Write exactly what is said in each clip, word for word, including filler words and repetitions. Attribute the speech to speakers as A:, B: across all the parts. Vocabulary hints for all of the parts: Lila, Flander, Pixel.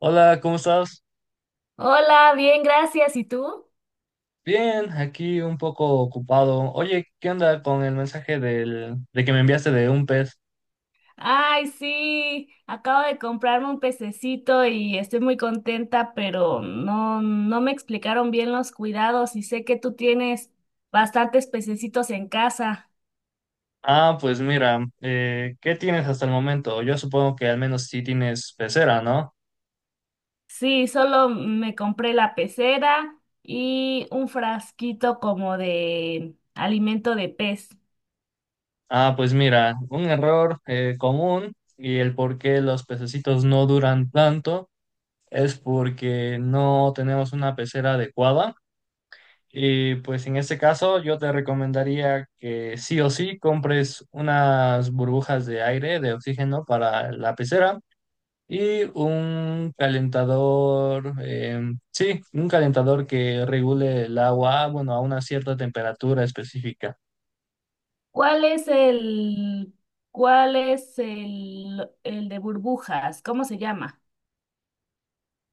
A: Hola, ¿cómo estás?
B: Hola, bien, gracias. ¿Y tú?
A: Bien, aquí un poco ocupado. Oye, ¿qué onda con el mensaje del, de que me enviaste de un pez?
B: Ay, sí, acabo de comprarme un pececito y estoy muy contenta, pero no, no me explicaron bien los cuidados y sé que tú tienes bastantes pececitos en casa.
A: Ah, pues mira, eh, ¿qué tienes hasta el momento? Yo supongo que al menos sí tienes pecera, ¿no?
B: Sí, solo me compré la pecera y un frasquito como de alimento de pez.
A: Ah, pues mira, un error eh, común y el por qué los pececitos no duran tanto es porque no tenemos una pecera adecuada. Y pues en este caso yo te recomendaría que sí o sí compres unas burbujas de aire, de oxígeno para la pecera y un calentador, em, sí, un calentador que regule el agua, bueno, a una cierta temperatura específica.
B: ¿Cuál es el, cuál es el, el de burbujas? ¿Cómo se llama?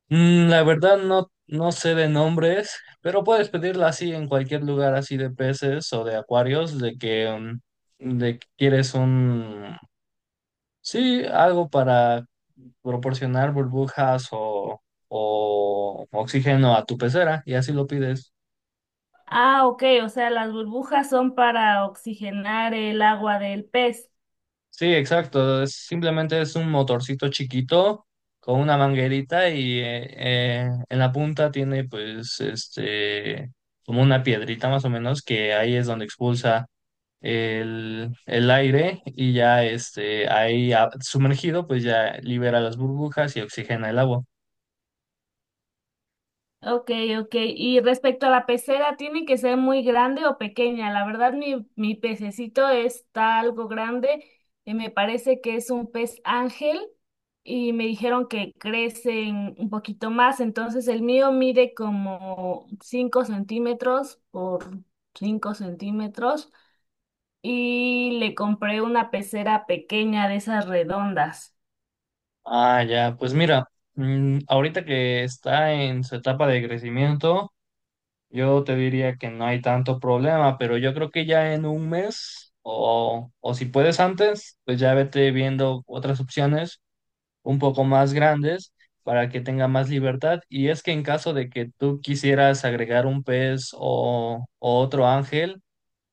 A: Mm, la verdad no, no sé de nombres, pero puedes pedirla así en cualquier lugar así de peces o de acuarios, de que, mm, de que quieres un... Sí, algo para proporcionar burbujas o, o oxígeno a tu pecera y así lo pides.
B: Ah, ok, o sea, las burbujas son para oxigenar el agua del pez.
A: Sí, exacto. Es- simplemente es un motorcito chiquito con una manguerita y eh, eh, en la punta tiene pues este como una piedrita más o menos que ahí es donde expulsa el, el aire y ya este ahí ah, sumergido pues ya libera las burbujas y oxigena el agua.
B: Ok, ok. Y respecto a la pecera, ¿tiene que ser muy grande o pequeña? La verdad, mi, mi pececito está algo grande. Eh, me parece que es un pez ángel y me dijeron que crecen un poquito más. Entonces, el mío mide como cinco centímetros por cinco centímetros y le compré una pecera pequeña de esas redondas.
A: Ah, ya, pues mira, mm, ahorita que está en su etapa de crecimiento, yo te diría que no hay tanto problema, pero yo creo que ya en un mes o, o si puedes antes, pues ya vete viendo otras opciones un poco más grandes para que tenga más libertad. Y es que en caso de que tú quisieras agregar un pez o, o otro ángel,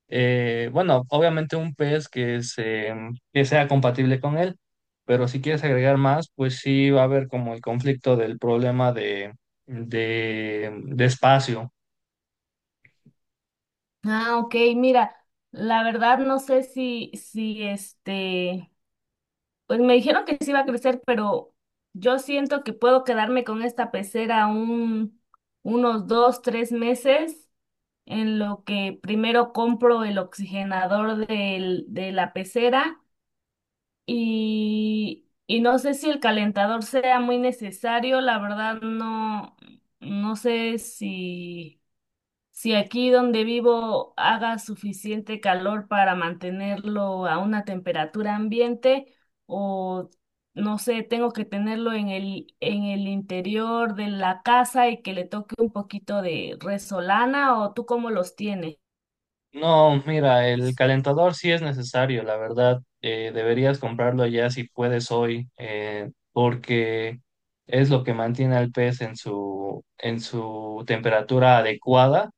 A: eh, bueno, obviamente un pez que, se- que sea compatible con él, pero si quieres agregar más, pues sí va a haber como el conflicto del problema de, de, de espacio.
B: Ah, ok, mira, la verdad no sé si, si este, pues me dijeron que sí iba a crecer, pero yo siento que puedo quedarme con esta pecera un, unos dos, tres meses, en lo que primero compro el oxigenador del, de la pecera y, y no sé si el calentador sea muy necesario, la verdad no, no sé si... Si aquí donde vivo haga suficiente calor para mantenerlo a una temperatura ambiente o no sé, tengo que tenerlo en el, en el interior de la casa y que le toque un poquito de resolana o tú cómo los tienes.
A: No, mira, el calentador sí es necesario, la verdad, eh, deberías comprarlo ya si puedes hoy, eh, porque es lo que mantiene al pez en su, en su temperatura adecuada.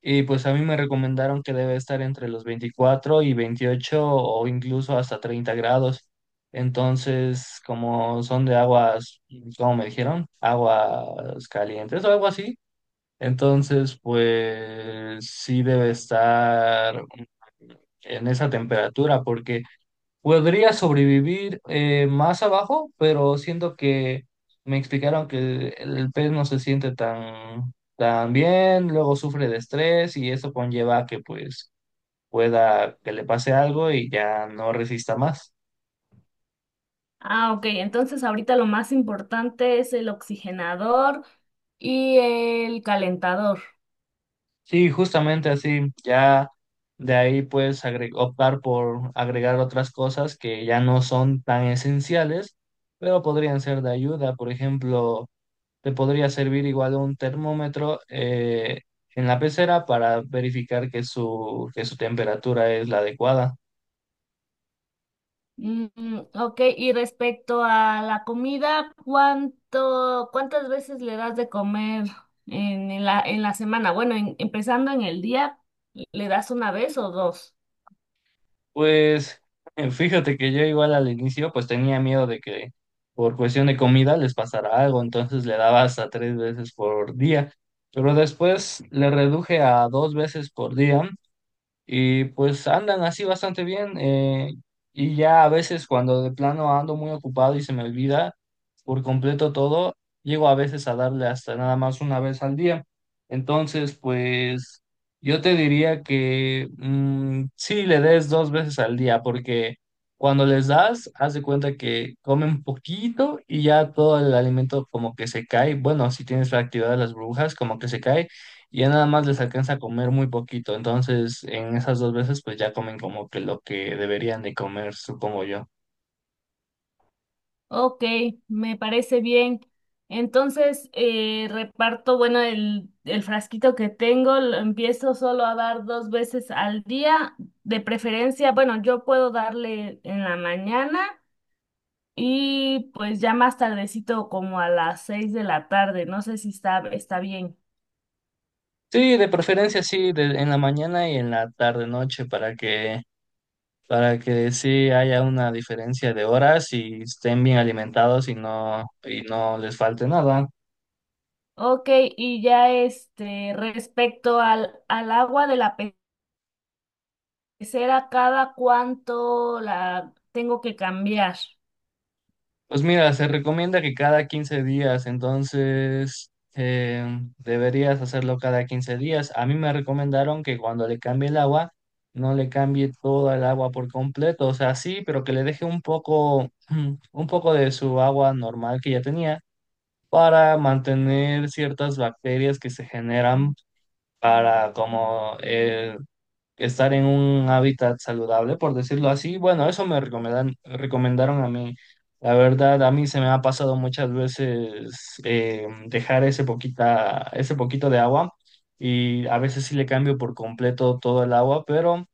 A: Y pues a mí me recomendaron que debe estar entre los veinticuatro y veintiocho o incluso hasta treinta grados. Entonces, como son de aguas, como me dijeron. Aguas calientes o algo así. Entonces, pues sí debe estar en esa temperatura porque podría sobrevivir eh, más abajo, pero siento que me explicaron que el, el pez no se siente tan, tan bien, luego sufre de estrés y eso conlleva que pues pueda que le pase algo y ya no resista más.
B: Ah, ok, entonces ahorita lo más importante es el oxigenador y el calentador.
A: Sí, justamente así, ya de ahí puedes agre- optar por agregar otras cosas que ya no son tan esenciales, pero podrían ser de ayuda, por ejemplo. Te podría servir igual un termómetro eh, en la pecera para verificar que su, que su temperatura es la adecuada.
B: Mm, ok, y respecto a la comida, ¿cuánto, cuántas veces le das de comer en, en la, en la semana? Bueno, en- empezando en el día, ¿le das una vez o dos?
A: Pues eh, fíjate que yo igual al inicio pues tenía miedo de que por cuestión de comida les pasara algo, entonces le daba hasta tres veces por día, pero después le reduje a dos veces por día. Y pues andan así bastante bien. Eh, y ya a veces cuando de plano ando muy ocupado y se me olvida por completo todo, llego a veces a darle hasta nada más una vez al día. Entonces, pues yo te diría que mm, sí le des dos veces al día, porque cuando les das, haz de cuenta que comen poquito y ya todo el alimento como que se cae. Bueno, si tienes la actividad de las burbujas, como que se cae y ya nada más les alcanza a comer muy poquito. Entonces, en esas dos veces, pues ya comen como que lo que deberían de comer, supongo yo.
B: Ok, me parece bien. Entonces, eh, reparto, bueno, el, el frasquito que tengo, lo empiezo solo a dar dos veces al día, de preferencia, bueno, yo puedo darle en la mañana. Y pues ya más tardecito, como a las seis de la tarde, no sé si está, está bien.
A: Sí, de preferencia sí, de- en la mañana y en la tarde noche para que para que sí haya una diferencia de horas y estén bien alimentados y no y no les falte nada.
B: Ok, y ya este, respecto al, al agua de la pe- pecera, ¿cada cuánto la tengo que cambiar?
A: Pues mira, se recomienda que cada quince días, entonces eh, deberías hacerlo cada quince días. A mí me recomendaron que cuando le cambie el agua, no le cambie toda el agua por completo, o sea, sí, pero que le deje un poco, un poco de su agua normal que ya tenía para mantener ciertas bacterias que se generan para como eh, estar en un hábitat saludable, por decirlo así. Bueno, eso me recomendan, recomendaron a mí. La verdad, a mí se me ha pasado muchas veces eh, dejar ese poquita, ese poquito de agua y a veces sí le cambio por completo todo el agua, pero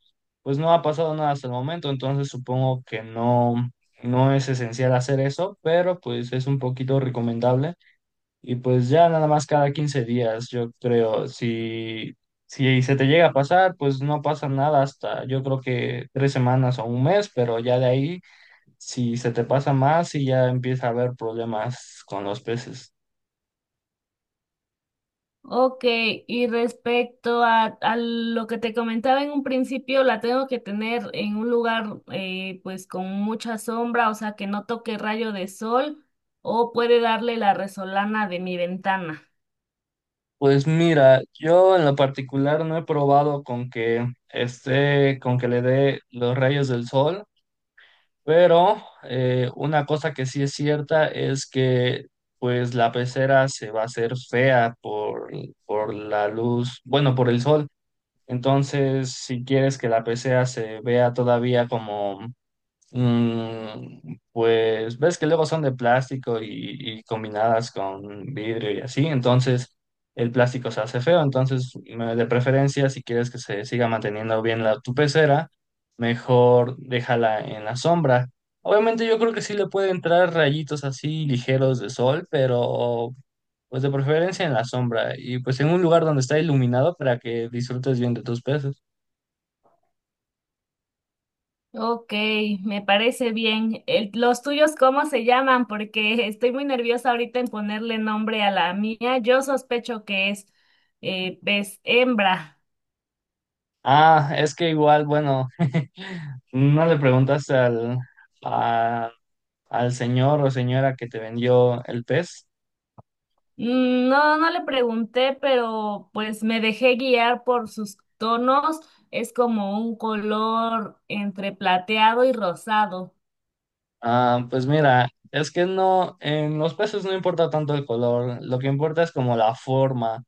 A: pues no ha pasado nada hasta el momento, entonces supongo que no, no es esencial hacer eso, pero pues es un poquito recomendable. Y pues ya nada más cada quince días, yo creo, si, si se te llega a pasar, pues no pasa nada hasta yo creo que tres semanas o un mes, pero ya de ahí, si se te pasa más y ya empieza a haber problemas con los peces.
B: Ok, y respecto a, a lo que te comentaba en un principio, la tengo que tener en un lugar eh, pues con mucha sombra, o sea, que no toque rayo de sol, o puede darle la resolana de mi ventana.
A: Pues mira, yo en lo particular no he probado con que esté, con que le dé los rayos del sol. Pero eh, una cosa que sí es cierta es que pues la pecera se va a hacer fea por, por la luz, bueno, por el sol. Entonces, si quieres que la pecera se vea todavía como... Mm, pues ves que luego son de plástico y, y combinadas con vidrio y así, entonces el plástico se hace feo, entonces me- de preferencia si quieres que se siga manteniendo bien la, tu pecera, mejor déjala en la sombra. Obviamente yo creo que sí le puede entrar rayitos así ligeros de sol, pero pues de preferencia en la sombra y pues en un lugar donde está iluminado para que disfrutes bien de tus peces.
B: Ok, me parece bien. El- ¿los tuyos cómo se llaman? Porque estoy muy nerviosa ahorita en ponerle nombre a la mía. Yo sospecho que es eh, pez hembra.
A: Ah, es que igual, bueno, no le preguntaste al, a- al señor o señora que te vendió el pez.
B: Mm, no, no le pregunté, pero pues me dejé guiar por sus tonos. Es como un color entre plateado y rosado.
A: Ah, pues mira, es que no, en los peces no importa tanto el color, lo que importa es como la forma.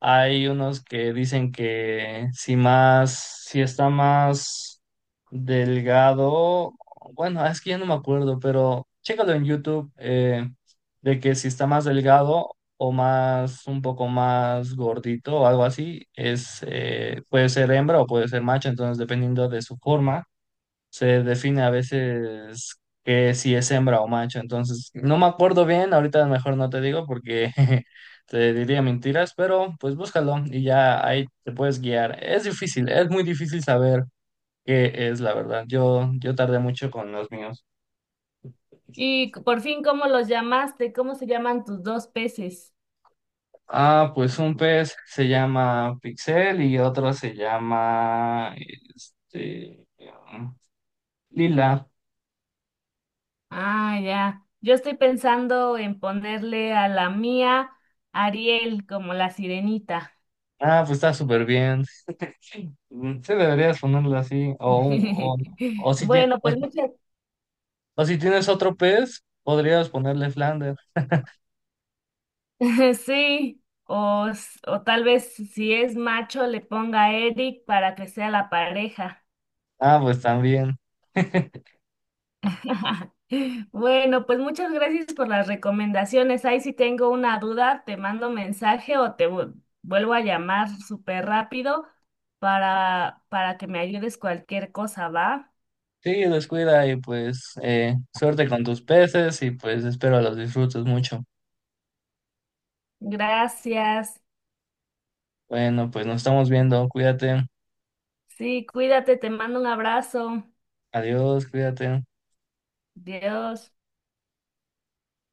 A: Hay unos que dicen que si más, si está más delgado, bueno, es que ya no me acuerdo, pero chécalo en YouTube, eh, de que si está más delgado o más, un poco más gordito o algo así, es, eh, puede ser hembra o puede ser macho, entonces dependiendo de su forma se define a veces que si es hembra o macho. Entonces, no me acuerdo bien, ahorita mejor no te digo porque te diría mentiras, pero pues búscalo y ya ahí te puedes guiar. Es difícil, es muy difícil saber qué es la verdad. Yo, yo tardé mucho con los míos.
B: Y por fin, ¿cómo los llamaste? ¿Cómo se llaman tus dos peces?
A: Ah, pues un pez se llama Pixel y otro se llama este, Lila.
B: Ah, ya. Yo estoy pensando en ponerle a la mía Ariel como la sirenita.
A: Ah, pues está súper bien. Mm, Sí, deberías ponerle así. O, o, o, si, tie-
B: Bueno,
A: o,
B: pues muchas.
A: o si tienes otro pez, podrías ponerle Flander.
B: Sí. O, s- o tal vez si es macho le ponga a Eric para que sea la pareja.
A: Ah, pues también.
B: Bueno, pues muchas gracias por las recomendaciones. Ahí si tengo una duda, te mando mensaje o te vu- vuelvo a llamar súper rápido para, para que me ayudes cualquier cosa, ¿va?
A: Sí, descuida y pues eh, suerte con tus peces y pues espero los disfrutes mucho.
B: Gracias.
A: Bueno, pues nos estamos viendo. Cuídate.
B: Sí, cuídate, te mando un abrazo.
A: Adiós, cuídate.
B: Dios.